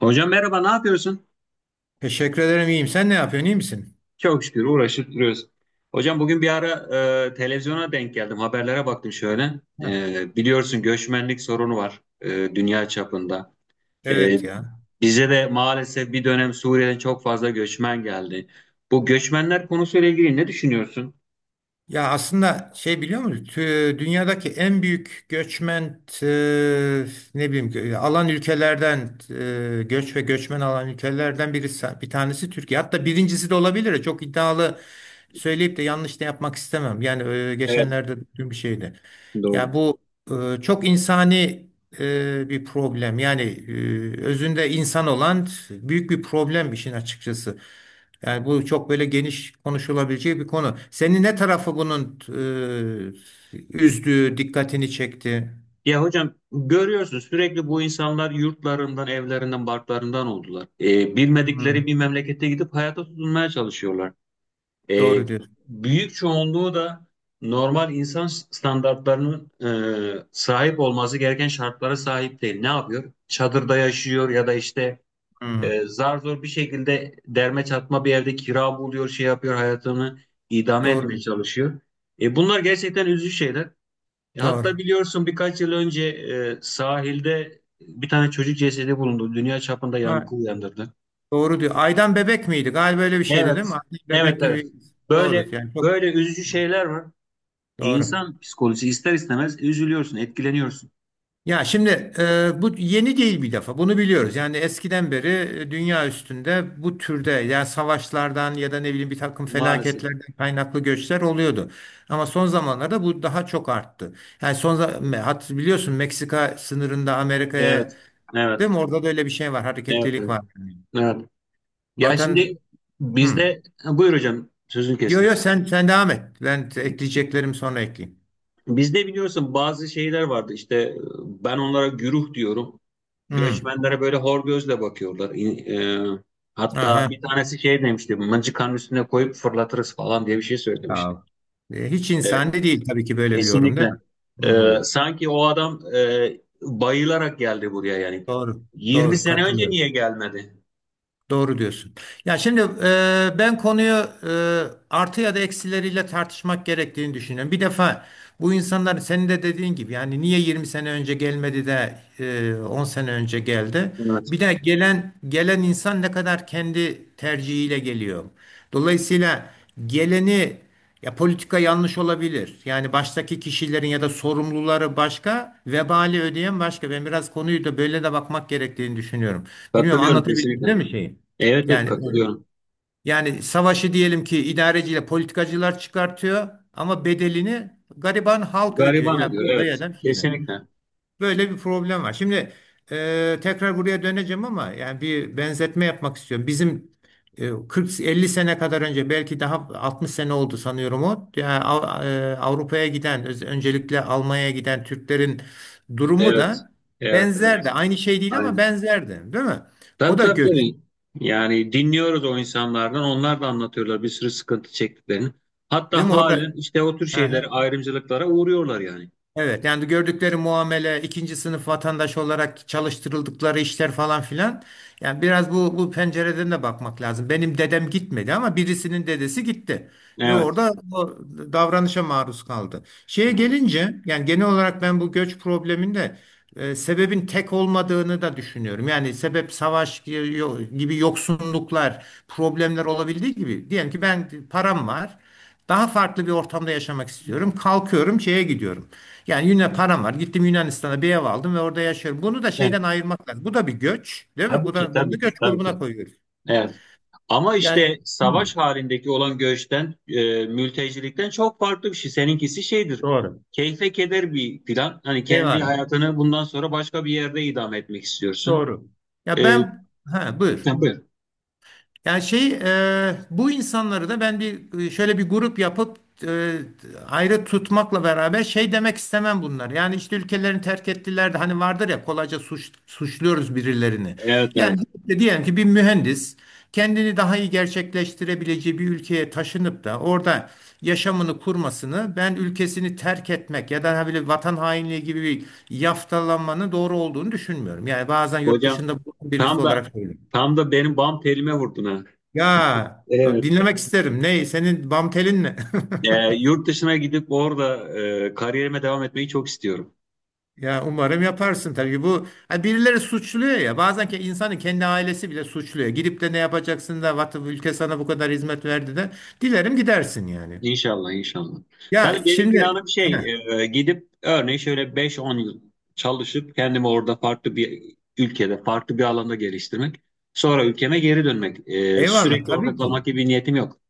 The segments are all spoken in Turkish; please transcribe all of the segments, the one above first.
Hocam merhaba, ne yapıyorsun? Teşekkür ederim iyiyim. Sen ne yapıyorsun iyi misin? Çok şükür uğraşıp duruyoruz. Hocam bugün bir ara televizyona denk geldim, haberlere baktım şöyle. Ha, Biliyorsun göçmenlik sorunu var dünya çapında. E, evet ya. Bize de maalesef bir dönem Suriye'den çok fazla göçmen geldi. Bu göçmenler konusuyla ilgili ne düşünüyorsun? Ya aslında şey biliyor musun? Dünyadaki en büyük göçmen e, ne bileyim alan ülkelerden göç ve göçmen alan ülkelerden birisi bir tanesi Türkiye. Hatta birincisi de olabilir. Çok iddialı söyleyip de yanlış da yapmak istemem. Yani Evet, geçenlerde dün bir şeydi. doğru. Ya bu çok insani bir problem. Yani özünde insan olan büyük bir problem işin açıkçası. Yani bu çok böyle geniş konuşulabileceği bir konu. Seni ne tarafı bunun üzdü, dikkatini çekti? Ya hocam görüyorsun sürekli bu insanlar yurtlarından, evlerinden, barklarından oldular. Bilmedikleri Hmm, bir memlekete gidip hayata tutunmaya çalışıyorlar. E, doğru diyorsun. Büyük çoğunluğu da normal insan standartlarının sahip olması gereken şartlara sahip değil. Ne yapıyor? Çadırda yaşıyor ya da işte Hmm, zar zor bir şekilde derme çatma bir evde kira buluyor, şey yapıyor, hayatını idame doğru etmeye diyor. çalışıyor. Bunlar gerçekten üzücü şeyler. Doğru. Hatta biliyorsun birkaç yıl önce sahilde bir tane çocuk cesedi bulundu. Dünya çapında yankı Ha, uyandırdı. doğru diyor. Aydan bebek miydi? Galiba öyle bir şeydi Evet, değil mi? Aydan evet, bebek evet. gibi. Doğru. Böyle Yani çok böyle üzücü şeyler var. doğru. İnsan psikolojisi ister istemez üzülüyorsun, etkileniyorsun. Ya şimdi bu yeni değil bir defa. Bunu biliyoruz. Yani eskiden beri dünya üstünde bu türde yani savaşlardan ya da ne bileyim bir takım Maalesef. felaketlerden kaynaklı göçler oluyordu. Ama son zamanlarda bu daha çok arttı. Yani son za- hat biliyorsun Meksika sınırında Evet. Amerika'ya Evet. değil mi? Orada da öyle bir şey var. Evet. Hareketlilik Evet. var. Evet. Ya Vatan, şimdi hmm. bizde. Ha, buyur hocam, sözünü Yo kestim. yo, sen devam et. Ben ekleyeceklerim sonra ekleyeyim. Bizde biliyorsun bazı şeyler vardı. İşte ben onlara güruh diyorum. Hmm. Göçmenlere böyle hor gözle bakıyorlar. E, hatta Aha. bir tanesi şey demişti. Mıncıkanın üstüne koyup fırlatırız falan diye bir şey söylemişti. Ya, hiç E, insani değil tabii ki böyle bir yorum değil Kesinlikle. mi? Ee, Hmm. sanki o adam bayılarak geldi buraya yani. Doğru. 20 Doğru. sene önce Katılıyorum. niye gelmedi? Doğru diyorsun. Ya şimdi ben konuyu e, artı ya da eksileriyle tartışmak gerektiğini düşünüyorum. Bir defa bu insanlar senin de dediğin gibi yani niye 20 sene önce gelmedi de 10 sene önce geldi? Evet. Bir de gelen gelen insan ne kadar kendi tercihiyle geliyor. Dolayısıyla geleni ya politika yanlış olabilir. Yani baştaki kişilerin ya da sorumluları başka, vebali ödeyen başka. Ben biraz konuyu da böyle de bakmak gerektiğini düşünüyorum. Bilmiyorum Katılıyorum anlatabildim kesinlikle. değil mi şeyi? Evet evet Yani, evet. katılıyorum. Yani savaşı diyelim ki idareciyle politikacılar çıkartıyor ama bedelini gariban halk ödüyor. Gariban Yani ediyor. burada ya Evet. da bir şeyde. Kesinlikle. Böyle bir problem var. Şimdi tekrar buraya döneceğim ama yani bir benzetme yapmak istiyorum. Bizim 40-50 sene kadar önce belki daha 60 sene oldu sanıyorum o. Yani Avrupa'ya giden öncelikle Almanya'ya giden Türklerin durumu Evet. da Evet benzerdi. evet. Aynı şey değil ama Aynen. benzerdi, değil mi? Tabii O da tabii göç, tabii. Yani dinliyoruz o insanlardan. Onlar da anlatıyorlar bir sürü sıkıntı çektiklerini. değil Hatta mi? halen Orada. işte o tür şeylere, Aha. ayrımcılıklara uğruyorlar yani. Evet, yani gördükleri muamele, ikinci sınıf vatandaş olarak çalıştırıldıkları işler falan filan. Yani biraz bu pencereden de bakmak lazım. Benim dedem gitmedi ama birisinin dedesi gitti ve Evet. orada o davranışa maruz kaldı. Şeye Evet. gelince yani genel olarak ben bu göç probleminde sebebin tek olmadığını da düşünüyorum. Yani sebep savaş gibi yoksunluklar, problemler olabildiği gibi diyelim ki ben param var. Daha farklı bir ortamda yaşamak istiyorum. Kalkıyorum, şeye gidiyorum. Yani Yunan param var. Gittim Yunanistan'a bir ev aldım ve orada yaşıyorum. Bunu da Evet. şeyden ayırmak lazım. Bu da bir göç, değil mi? Tabii Bu ki, da bunu da tabii göç ki, tabii grubuna ki. koyuyoruz. Evet. Ama Yani, işte hı, savaş halindeki olan göçten, mültecilikten çok farklı bir şey. Seninkisi şeydir. doğru. Keyfe keder bir plan. Hani kendi Eyvallah. hayatını bundan sonra başka bir yerde idame etmek istiyorsun. Doğru. Ya E, ben, ha, buyur. tabii. Yani şey bu insanları da ben bir şöyle bir grup yapıp e, ayrı tutmakla beraber şey demek istemem bunlar. Yani işte ülkelerini terk ettiler de hani vardır ya kolayca suçluyoruz birilerini. Evet, Yani evet. işte diyelim ki bir mühendis kendini daha iyi gerçekleştirebileceği bir ülkeye taşınıp da orada yaşamını kurmasını ben ülkesini terk etmek ya da hani böyle vatan hainliği gibi bir yaftalanmanın doğru olduğunu düşünmüyorum. Yani bazen yurt dışında Hocam bulunan birisi tam da olarak söylüyorum. tam da benim bam telime vurdun ha. Ya Evet. dinlemek isterim. Ne? Senin bam telin ne? Yurt dışına gidip orada kariyerime devam etmeyi çok istiyorum. Ya umarım yaparsın tabii, bu ha, birileri suçluyor ya bazen ki insanın kendi ailesi bile suçluyor. Gidip de ne yapacaksın da vatı ülke sana bu kadar hizmet verdi de dilerim gidersin yani. İnşallah, inşallah. Tabii Ya benim şimdi, planım heh, şey, gidip örneğin şöyle beş on yıl çalışıp kendimi orada farklı bir ülkede, farklı bir alanda geliştirmek. Sonra ülkeme geri dönmek. Eyvallah Sürekli orada tabii ki. kalmak gibi bir niyetim yok.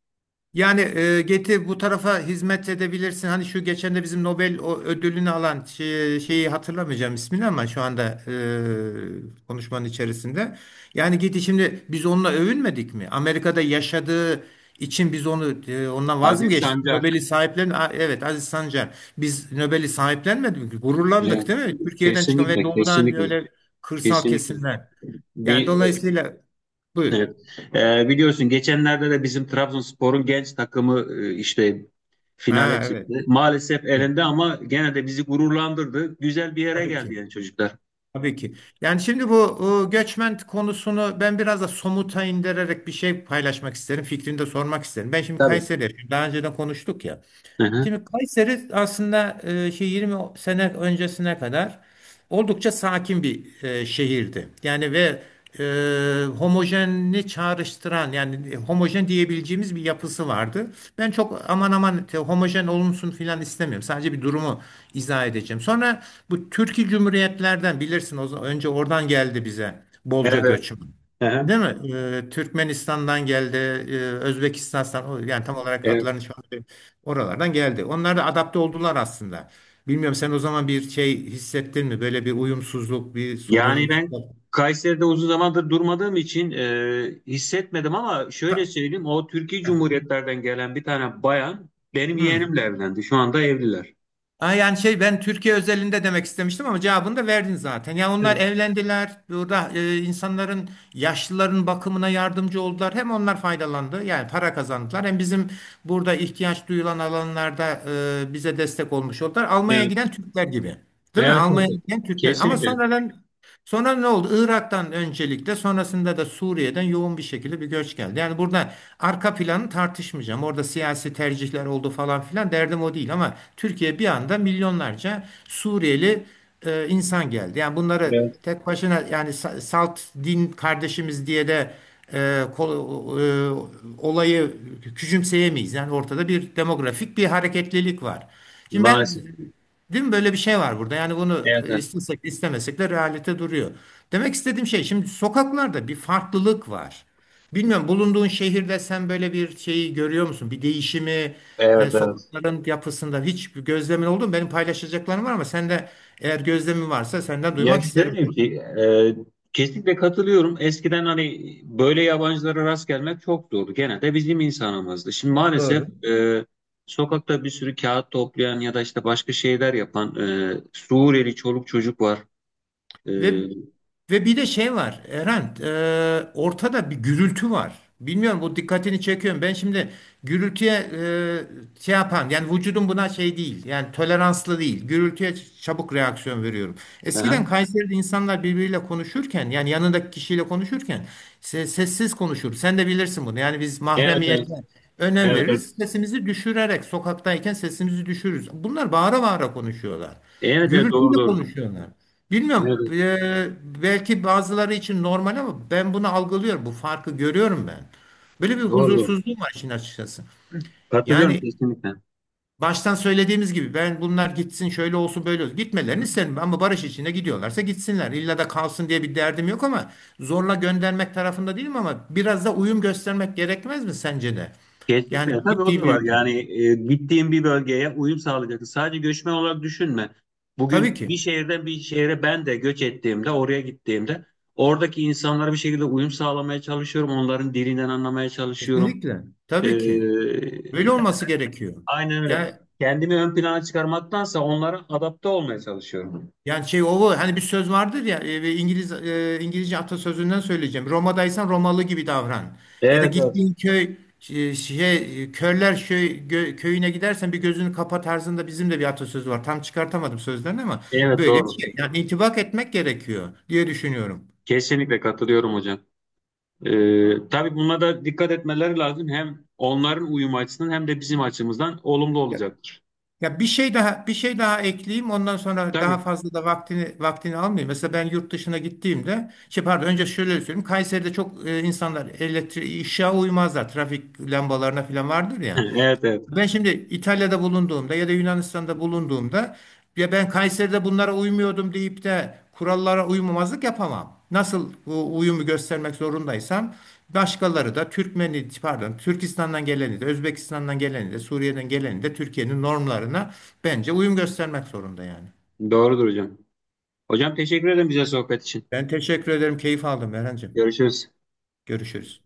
Yani getir bu tarafa hizmet edebilirsin. Hani şu geçen de bizim Nobel o ödülünü alan şeyi hatırlamayacağım ismini ama şu anda konuşmanın içerisinde. Yani git şimdi biz onunla övünmedik mi? Amerika'da yaşadığı için biz onu ondan vaz mı Aziz geçtik? Sancar, Nobel'i evet, Aziz Sancar. Biz Nobel'i sahiplenmedik mi? e, Gururlandık değil mi? Türkiye'den çıkan ve kesinlikle, doğudan, kesinlikle, öyle kırsal kesinlikle. kesimler. Yani Bir e, dolayısıyla, buyur. Evet. Biliyorsun geçenlerde de bizim Trabzonspor'un genç takımı işte finale Ha, evet. çıktı. Maalesef Evet. elinde ama gene de bizi gururlandırdı. Güzel bir yere Tabii geldi ki. yani çocuklar. Tabii ki. Yani şimdi bu göçmen konusunu ben biraz da somuta indirerek bir şey paylaşmak isterim. Fikrini de sormak isterim. Ben şimdi Tabii. Kayseri'de, daha önceden konuştuk ya. Hı hı. Şimdi Kayseri aslında 20 sene öncesine kadar oldukça sakin bir şehirdi. Yani ve homojenini çağrıştıran yani homojen diyebileceğimiz bir yapısı vardı. Ben çok aman aman homojen olunsun filan istemiyorum. Sadece bir durumu izah edeceğim. Sonra bu Türkiye Cumhuriyetlerden, bilirsin o zaman, önce oradan geldi bize bolca Evet. Evet. göçmen. Hı hı. Değil mi? Türkmenistan'dan geldi, Özbekistan'dan yani tam olarak Evet. adlarını şu an oralardan geldi. Onlar da adapte oldular aslında. Bilmiyorum sen o zaman bir şey hissettin mi? Böyle bir uyumsuzluk, bir Yani sorun. ben Kayseri'de uzun zamandır durmadığım için hissetmedim ama şöyle Ka- söyleyeyim, o Türkiye Cumhuriyetlerden gelen bir tane bayan benim Hı. yeğenimle evlendi. Şu anda evliler. Ha, yani şey, ben Türkiye özelinde demek istemiştim ama cevabını da verdin zaten. Yani onlar Evet. evlendiler. Burada insanların, yaşlıların bakımına yardımcı oldular. Hem onlar faydalandı. Yani para kazandılar. Hem bizim burada ihtiyaç duyulan alanlarda bize destek olmuş oldular. Almanya'ya Evet. giden Türkler gibi. Değil mi? Evet. Almanya'ya Evet. giden Türkler. Ama Kesinlikle. sonradan. Sonra ne oldu? Irak'tan öncelikle, sonrasında da Suriye'den yoğun bir şekilde bir göç geldi. Yani burada arka planı tartışmayacağım. Orada siyasi tercihler oldu falan filan, derdim o değil, ama Türkiye bir anda milyonlarca Suriyeli insan geldi. Yani bunları Evet. tek başına yani salt din kardeşimiz diye de e, kol- e, olayı küçümseyemeyiz. Yani ortada bir demografik bir hareketlilik var. Şimdi ben, Maalesef. değil mi, böyle bir şey var burada. Yani bunu Evet. Evet. istesek istemesek de realite duruyor. Demek istediğim şey, şimdi sokaklarda bir farklılık var. Bilmiyorum bulunduğun şehirde sen böyle bir şeyi görüyor musun? Bir değişimi Evet. Evet. sokakların yapısında hiç bir gözlemin oldu mu? Benim paylaşacaklarım var ama sen de eğer gözlemin varsa senden Ya duymak isterim. şöyle bir şey, e, kesinlikle katılıyorum. Eskiden hani böyle yabancılara rast gelmek çok zordu. Genelde bizim insanımızdı. Şimdi Doğru. maalesef sokakta bir sürü kağıt toplayan ya da işte başka şeyler yapan Suriyeli çoluk çocuk var. E, Ve ve bir de şey var Erhan, ortada bir gürültü var. Bilmiyorum bu dikkatini çekiyorum. Ben şimdi gürültüye şey yapan, yani vücudum buna şey değil yani toleranslı değil. Gürültüye çabuk reaksiyon veriyorum. aha. Eskiden Kayseri'de insanlar birbiriyle konuşurken, yani yanındaki kişiyle konuşurken sessiz konuşur. Sen de bilirsin bunu. Yani biz Evet, evet, mahremiyete önem evet, evet. veririz. Sesimizi düşürerek, sokaktayken sesimizi düşürürüz. Bunlar bağıra bağıra konuşuyorlar. Evet, evet, doğru, Gürültüyle doğru. konuşuyorlar. Evet, Bilmiyorum. Belki bazıları için normal ama ben bunu algılıyorum. Bu farkı görüyorum ben. Böyle bir doğru, doğru. huzursuzluğum var işin açıkçası. Katılıyorum Yani kesinlikle. baştan söylediğimiz gibi, ben bunlar gitsin şöyle olsun böyle olsun. Gitmelerini isterim ama barış içinde gidiyorlarsa gitsinler. İlla da kalsın diye bir derdim yok ama zorla göndermek tarafında değilim, ama biraz da uyum göstermek gerekmez mi sence de? Yani Kesinlikle tabii o gittiği da bir var. ülkede. Yani gittiğin bir bölgeye uyum sağlayacaksın. Sadece göçmen olarak düşünme. Tabii Bugün bir ki. şehirden bir şehre ben de göç ettiğimde, oraya gittiğimde oradaki insanlara bir şekilde uyum sağlamaya çalışıyorum. Onların dilinden anlamaya çalışıyorum. Kesinlikle. E, Tabii ki. Böyle olması gerekiyor. aynen öyle. Yani Kendimi ön plana çıkarmaktansa onlara adapte olmaya çalışıyorum. Yani şey o bu. Hani bir söz vardır ya, ve İngilizce atasözünden söyleyeceğim. Roma'daysan Romalı gibi davran. Ya da Evet, evet. gittiğin köy e, şey e, körler köyüne gidersen bir gözünü kapa tarzında bizim de bir atasözü var. Tam çıkartamadım sözlerini ama Evet, böyle bir doğru. şey. Yani intibak etmek gerekiyor diye düşünüyorum. Kesinlikle katılıyorum hocam. Tabii buna da dikkat etmeleri lazım. Hem onların uyum açısından hem de bizim açımızdan olumlu olacaktır. Ya bir şey daha ekleyeyim. Ondan sonra daha Tabii. fazla da vaktini almayayım. Mesela ben yurt dışına gittiğimde, şey pardon, önce şöyle söyleyeyim. Kayseri'de çok insanlar elektrik ışığa uymazlar. Trafik lambalarına falan vardır ya. Evet evet. Ben şimdi İtalya'da bulunduğumda ya da Yunanistan'da bulunduğumda, ya ben Kayseri'de bunlara uymuyordum deyip de kurallara uymamazlık yapamam. Nasıl bu uyumu göstermek zorundaysam, başkaları da Türkmeni, pardon, Türkistan'dan geleni de, Özbekistan'dan geleni de, Suriye'den geleni de Türkiye'nin normlarına bence uyum göstermek zorunda yani. Doğrudur hocam. Hocam teşekkür ederim bize sohbet için. Ben teşekkür ederim. Keyif aldım Erhancığım. Görüşürüz. Görüşürüz.